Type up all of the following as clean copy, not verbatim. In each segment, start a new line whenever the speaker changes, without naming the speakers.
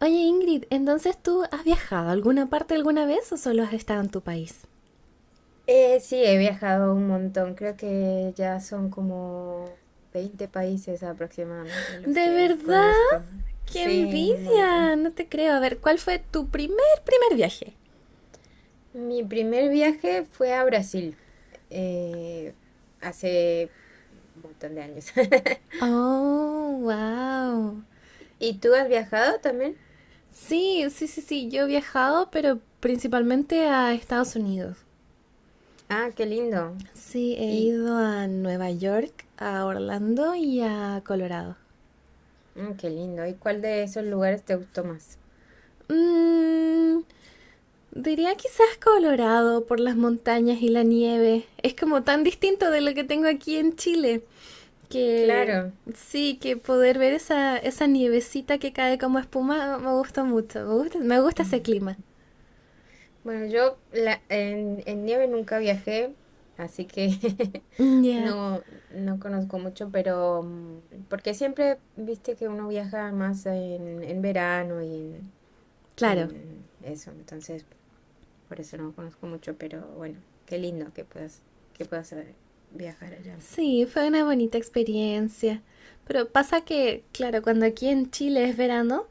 Oye Ingrid, entonces ¿tú has viajado a alguna parte alguna vez o solo has estado en tu país?
Sí, he viajado un montón. Creo que ya son como 20 países aproximadamente los
¿De
que
verdad?
conozco.
¡Qué
Sí, un
envidia!
montón.
No te creo. A ver, ¿cuál fue tu primer viaje?
Mi primer viaje fue a Brasil, eh, hace un montón de años.
Oh, wow.
¿Y tú has viajado también?
Sí, sí, sí, sí. Yo he viajado, pero principalmente a Estados Unidos.
Ah, qué lindo.
Sí, he
Y
ido a Nueva York, a Orlando y a Colorado.
qué lindo. ¿Y cuál de esos lugares te gustó más?
Mm, diría quizás Colorado por las montañas y la nieve. Es como tan distinto de lo que tengo aquí en Chile, que
Claro.
sí, que poder ver esa nievecita que cae como espuma me gusta mucho, me gusta ese clima.
Bueno, en nieve nunca viajé, así que
Mm, ya,
no, no conozco mucho, pero, porque siempre viste que uno viaja más en verano y en,
claro.
y en eso, entonces por eso no conozco mucho, pero bueno, qué lindo que puedas viajar allá.
Sí, fue una bonita experiencia. Pero pasa que, claro, cuando aquí en Chile es verano,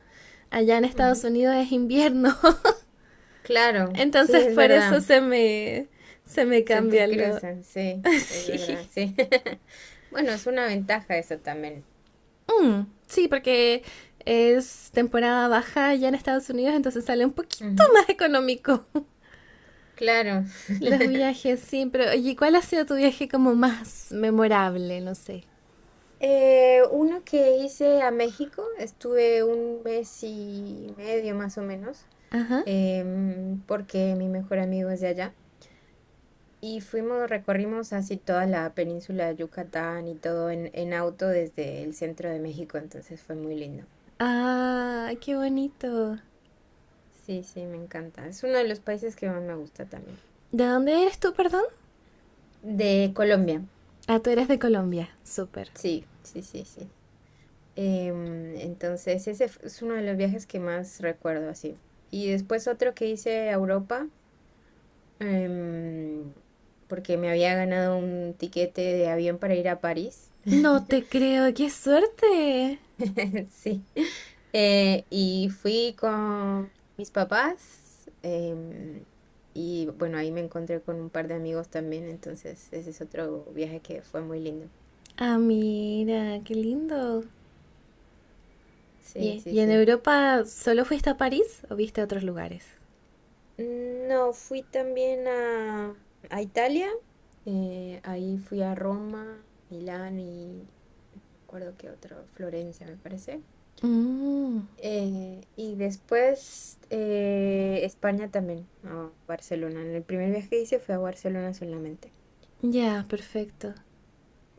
allá en Estados
Ujú.
Unidos es invierno.
Claro, sí,
Entonces
es
por eso
verdad,
se me
se te
cambian lo...
cruzan, sí, es
Sí.
verdad, sí. Bueno, es una ventaja eso también.
Mm, sí, porque es temporada baja ya en Estados Unidos, entonces sale un poquito
Ujú,
más económico
claro.
los viajes, sí. Pero, oye, ¿cuál ha sido tu viaje como más memorable? No sé.
Uno que hice a México, estuve un mes y medio más o menos,
Ajá.
porque mi mejor amigo es de allá. Y fuimos, recorrimos así toda la península de Yucatán y todo en auto desde el centro de México, entonces fue muy lindo.
Ah, qué bonito.
Sí, sí, me encanta. Es uno de los países que más me gusta también.
¿De dónde eres tú, perdón?
De Colombia,
Ah, tú eres de Colombia. Súper.
sí, sí, sí, sí. Entonces, es uno de los viajes que más recuerdo así. Y después otro que hice a Europa, em, porque me había ganado un tiquete de avión para ir a París.
No te creo, qué suerte.
Sí. Y fui con mis papás. Y bueno, ahí me encontré con un par de amigos también. Entonces, ese es otro viaje que fue muy lindo.
Ah, mira, qué lindo.
Sí, sí,
Y en
sí.
Europa solo fuiste a París o viste a otros lugares?
No, fui también a Italia. Ahí fui a Roma, Milán y no me acuerdo qué otro, Florencia, me parece.
Mm,
Y después España también, a Barcelona. En el primer viaje que hice fue a Barcelona solamente.
ya, perfecto.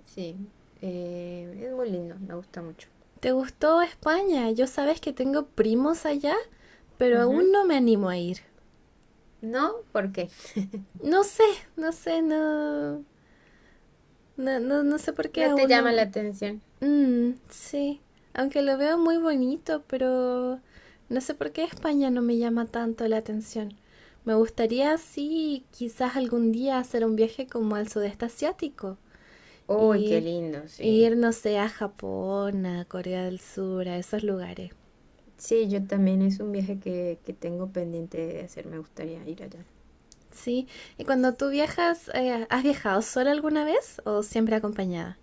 Sí, es muy lindo, me gusta mucho.
¿Te gustó España? Yo sabes que tengo primos allá, pero aún
Ujú.
no me animo a ir.
No, ¿por qué?
No sé, no sé, no, no, no, no sé por qué
No te
aún no.
llama la atención.
Mm, sí, aunque lo veo muy bonito, pero no sé por qué España no me llama tanto la atención. Me gustaría, sí, quizás algún día hacer un viaje como al sudeste asiático,
Uy, qué
ir,
lindo, sí.
ir, no sé, a Japón, a Corea del Sur, a esos lugares.
Sí, yo también es un viaje que tengo pendiente de hacer, me gustaría ir allá.
Sí, y cuando tú viajas, ¿has viajado sola alguna vez o siempre acompañada?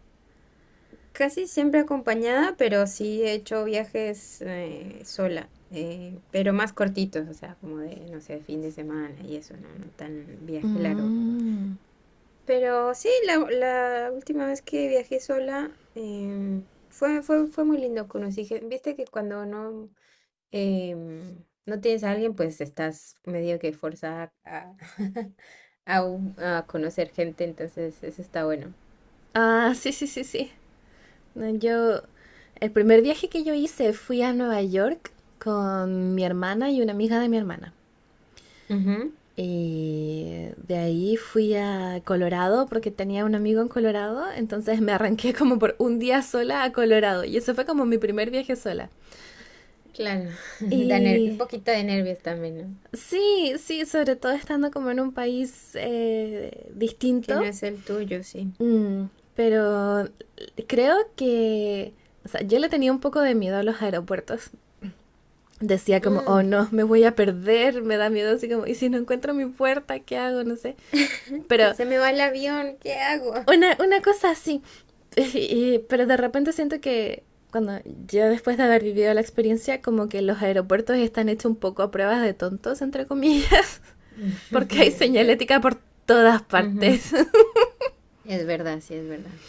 Casi siempre acompañada, pero sí he hecho viajes sola, pero más cortitos, o sea, como de, no sé, fin de semana y eso, no, no tan viaje largo.
Mm.
Pero sí, la última vez que viajé sola, fue muy lindo. Viste que cuando no, no tienes a alguien, pues estás medio que forzada a, a conocer gente, entonces eso está bueno.
Ah, sí, sí, sí, sí. No, yo, el primer viaje que yo hice fui a Nueva York con mi hermana y una amiga de mi hermana. Y de ahí fui a Colorado porque tenía un amigo en Colorado, entonces me arranqué como por un día sola a Colorado y eso fue como mi primer viaje sola.
Claro,
Y
un poquito de nervios también, ¿no?
sí, sí, sobre todo estando como en un país
Que no
distinto.
es el tuyo, sí.
Mm, pero creo que, o sea, yo le tenía un poco de miedo a los aeropuertos. Decía como, oh
Mm,
no, me voy a perder, me da miedo así como, ¿y si no encuentro mi puerta, qué hago? No sé.
Si
Pero
se me va el avión, ¿qué hago?
una cosa así. Y- pero de repente siento que cuando yo, después de haber vivido la experiencia, como que los aeropuertos están hechos un poco a pruebas de tontos, entre comillas, porque hay
Es ver-
señalética por todas
Ujú,
partes.
es verdad, sí, es verdad.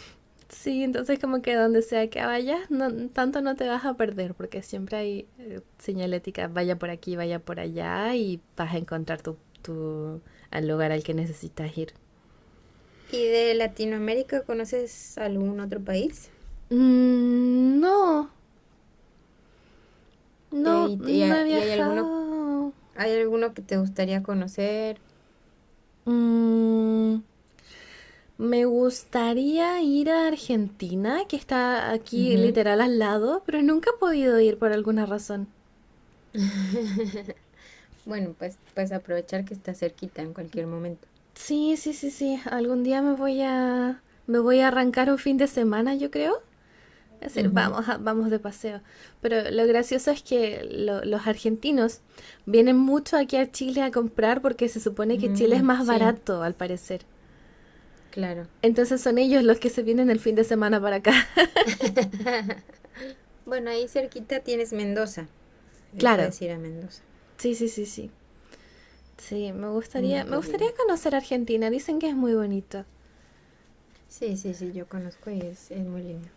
Sí, entonces como que donde sea que vayas, no, tanto no te vas a perder, porque siempre hay señalética, vaya por aquí, vaya por allá, y vas a encontrar tu, al lugar al que necesitas ir.
¿Y de Latinoamérica conoces algún otro país?
Mm, no,
Eh,
no,
¿y, te- y
no he
a- y
viajado.
hay alguno que te gustaría conocer?
Mm, me gustaría ir a Argentina, que está aquí
Ujú.
literal al lado, pero nunca he podido ir por alguna razón.
Bueno, pues aprovechar que está cerquita en cualquier momento.
Sí, sí, sí, sí. Algún día me voy a arrancar un fin de semana, yo creo. Es decir,
Ujú.
vamos, a- vamos de paseo. Pero lo gracioso es que lo- los argentinos vienen mucho aquí a Chile a comprar porque se supone que Chile es
Mm,
más
sí,
barato, al parecer.
claro.
Entonces son ellos los que se vienen el fin de semana para acá.
Bueno, ahí cerquita tienes Mendoza. Ahí
Claro.
puedes ir a Mendoza.
Sí, sí, sí, sí. Sí,
Mm,
me
qué
gustaría
lindo.
conocer Argentina. Dicen que es muy bonito.
Sí, sí, sí, yo conozco y es muy lindo.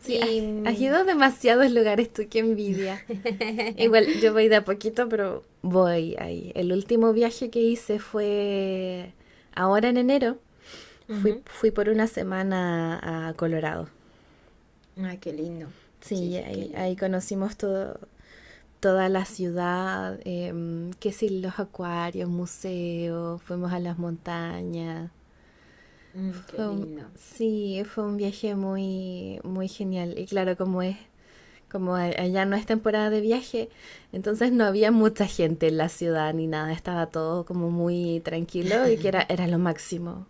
Sí, ay,
Y...
has ido
mm,
a demasiados lugares tú, qué envidia. Igual, yo voy de a poquito, pero voy ahí. El último viaje que hice fue ahora en enero. Fui,
ujú.
fui por una semana a Colorado.
Ay, qué lindo. Sí,
Sí,
sí, qué
ahí, ahí
lindo.
conocimos todo, toda la ciudad, em, qué sé, los acuarios, museos, fuimos a las montañas.
Mm, qué lindo.
Sí, fue un viaje muy, muy genial. Y claro, como es allá no es temporada de viaje, entonces no había mucha gente en la ciudad ni nada, estaba todo como muy tranquilo y que era, era lo máximo.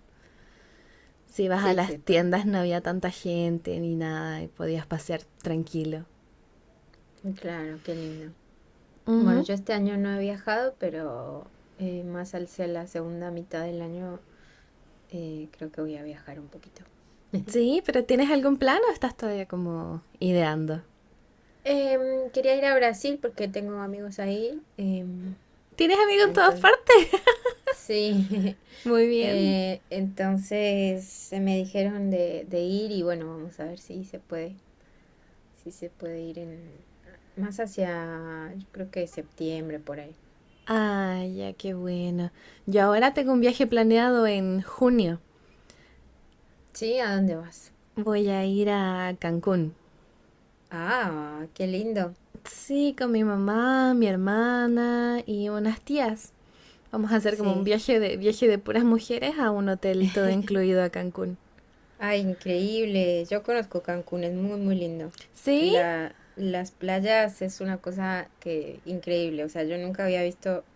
Si ibas a
Sí,
las
sí, pues,
tiendas no había tanta gente ni nada y podías pasear tranquilo.
claro, qué lindo. Bueno,
Ujú.
yo este año no he viajado, pero más al ser la segunda mitad del año, creo que voy a viajar un poquito.
Sí, pero ¿tienes algún plan o estás todavía como ideando?
Quería ir a Brasil porque tengo amigos ahí. em,
¿Tienes amigos en todas
entonces,
partes?
sí.
Muy bien.
Me dijeron de ir y bueno, vamos a ver si se puede, si se puede ir en más hacia, yo creo que septiembre por ahí.
Ay, ya, qué bueno. Yo ahora tengo un viaje planeado en junio.
Sí, ¿a dónde vas?
Voy a ir a Cancún.
Ah, qué lindo.
Sí, con mi mamá, mi hermana y unas tías. Vamos a hacer como un
Sí.
viaje de puras mujeres a un hotel todo incluido a Cancún.
Ay, increíble. Yo conozco Cancún, es muy, muy lindo.
¿Sí?
Las playas es una cosa que increíble. O sea, yo nunca había visto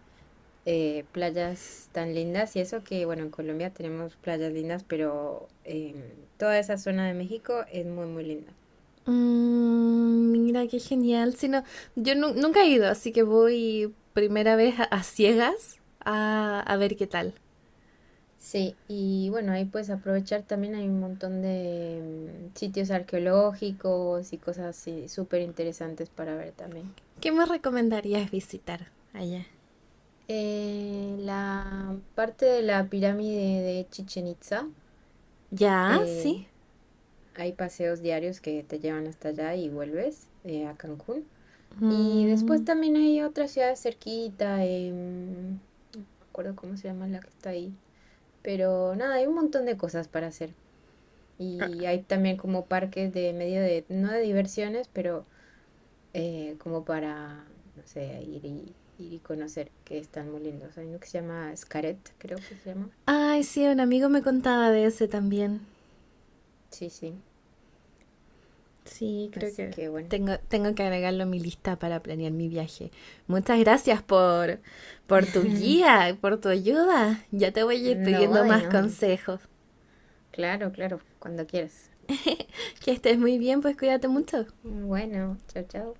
playas tan lindas y eso que, bueno, en Colombia tenemos playas lindas, pero toda esa zona de México es muy, muy linda.
Mm, mira qué genial. Si no, yo nu- nunca he ido, así que voy primera vez a ciegas a ver qué tal.
Sí, y bueno, ahí puedes aprovechar también hay un montón de sitios arqueológicos y cosas así súper interesantes para ver también.
¿Qué me recomendarías visitar allá?
La parte de la pirámide de Chichen Itza,
Ya,
eh,
sí.
hay paseos diarios que te llevan hasta allá y vuelves a Cancún. Y después
Mm.
también hay otra ciudad cerquita, no me acuerdo cómo se llama la que está ahí. Pero nada, hay un montón de cosas para hacer. Y hay también como parques de no de diversiones, pero como para, no sé, ir ir y conocer, que están muy lindos. Hay uno que se llama Xcaret, creo que se llama.
Ay, sí, un amigo me contaba de ese también.
Sí, sí.
Sí, creo
Así
que
que bueno.
tengo, tengo que agregarlo a mi lista para planear mi viaje. Muchas gracias por tu guía, por tu ayuda. Ya te voy a ir
No,
pidiendo
de
más
no.
consejos.
Claro, claro, cuando quieras.
Que estés muy bien, pues cuídate mucho.
Bueno, chao, chao.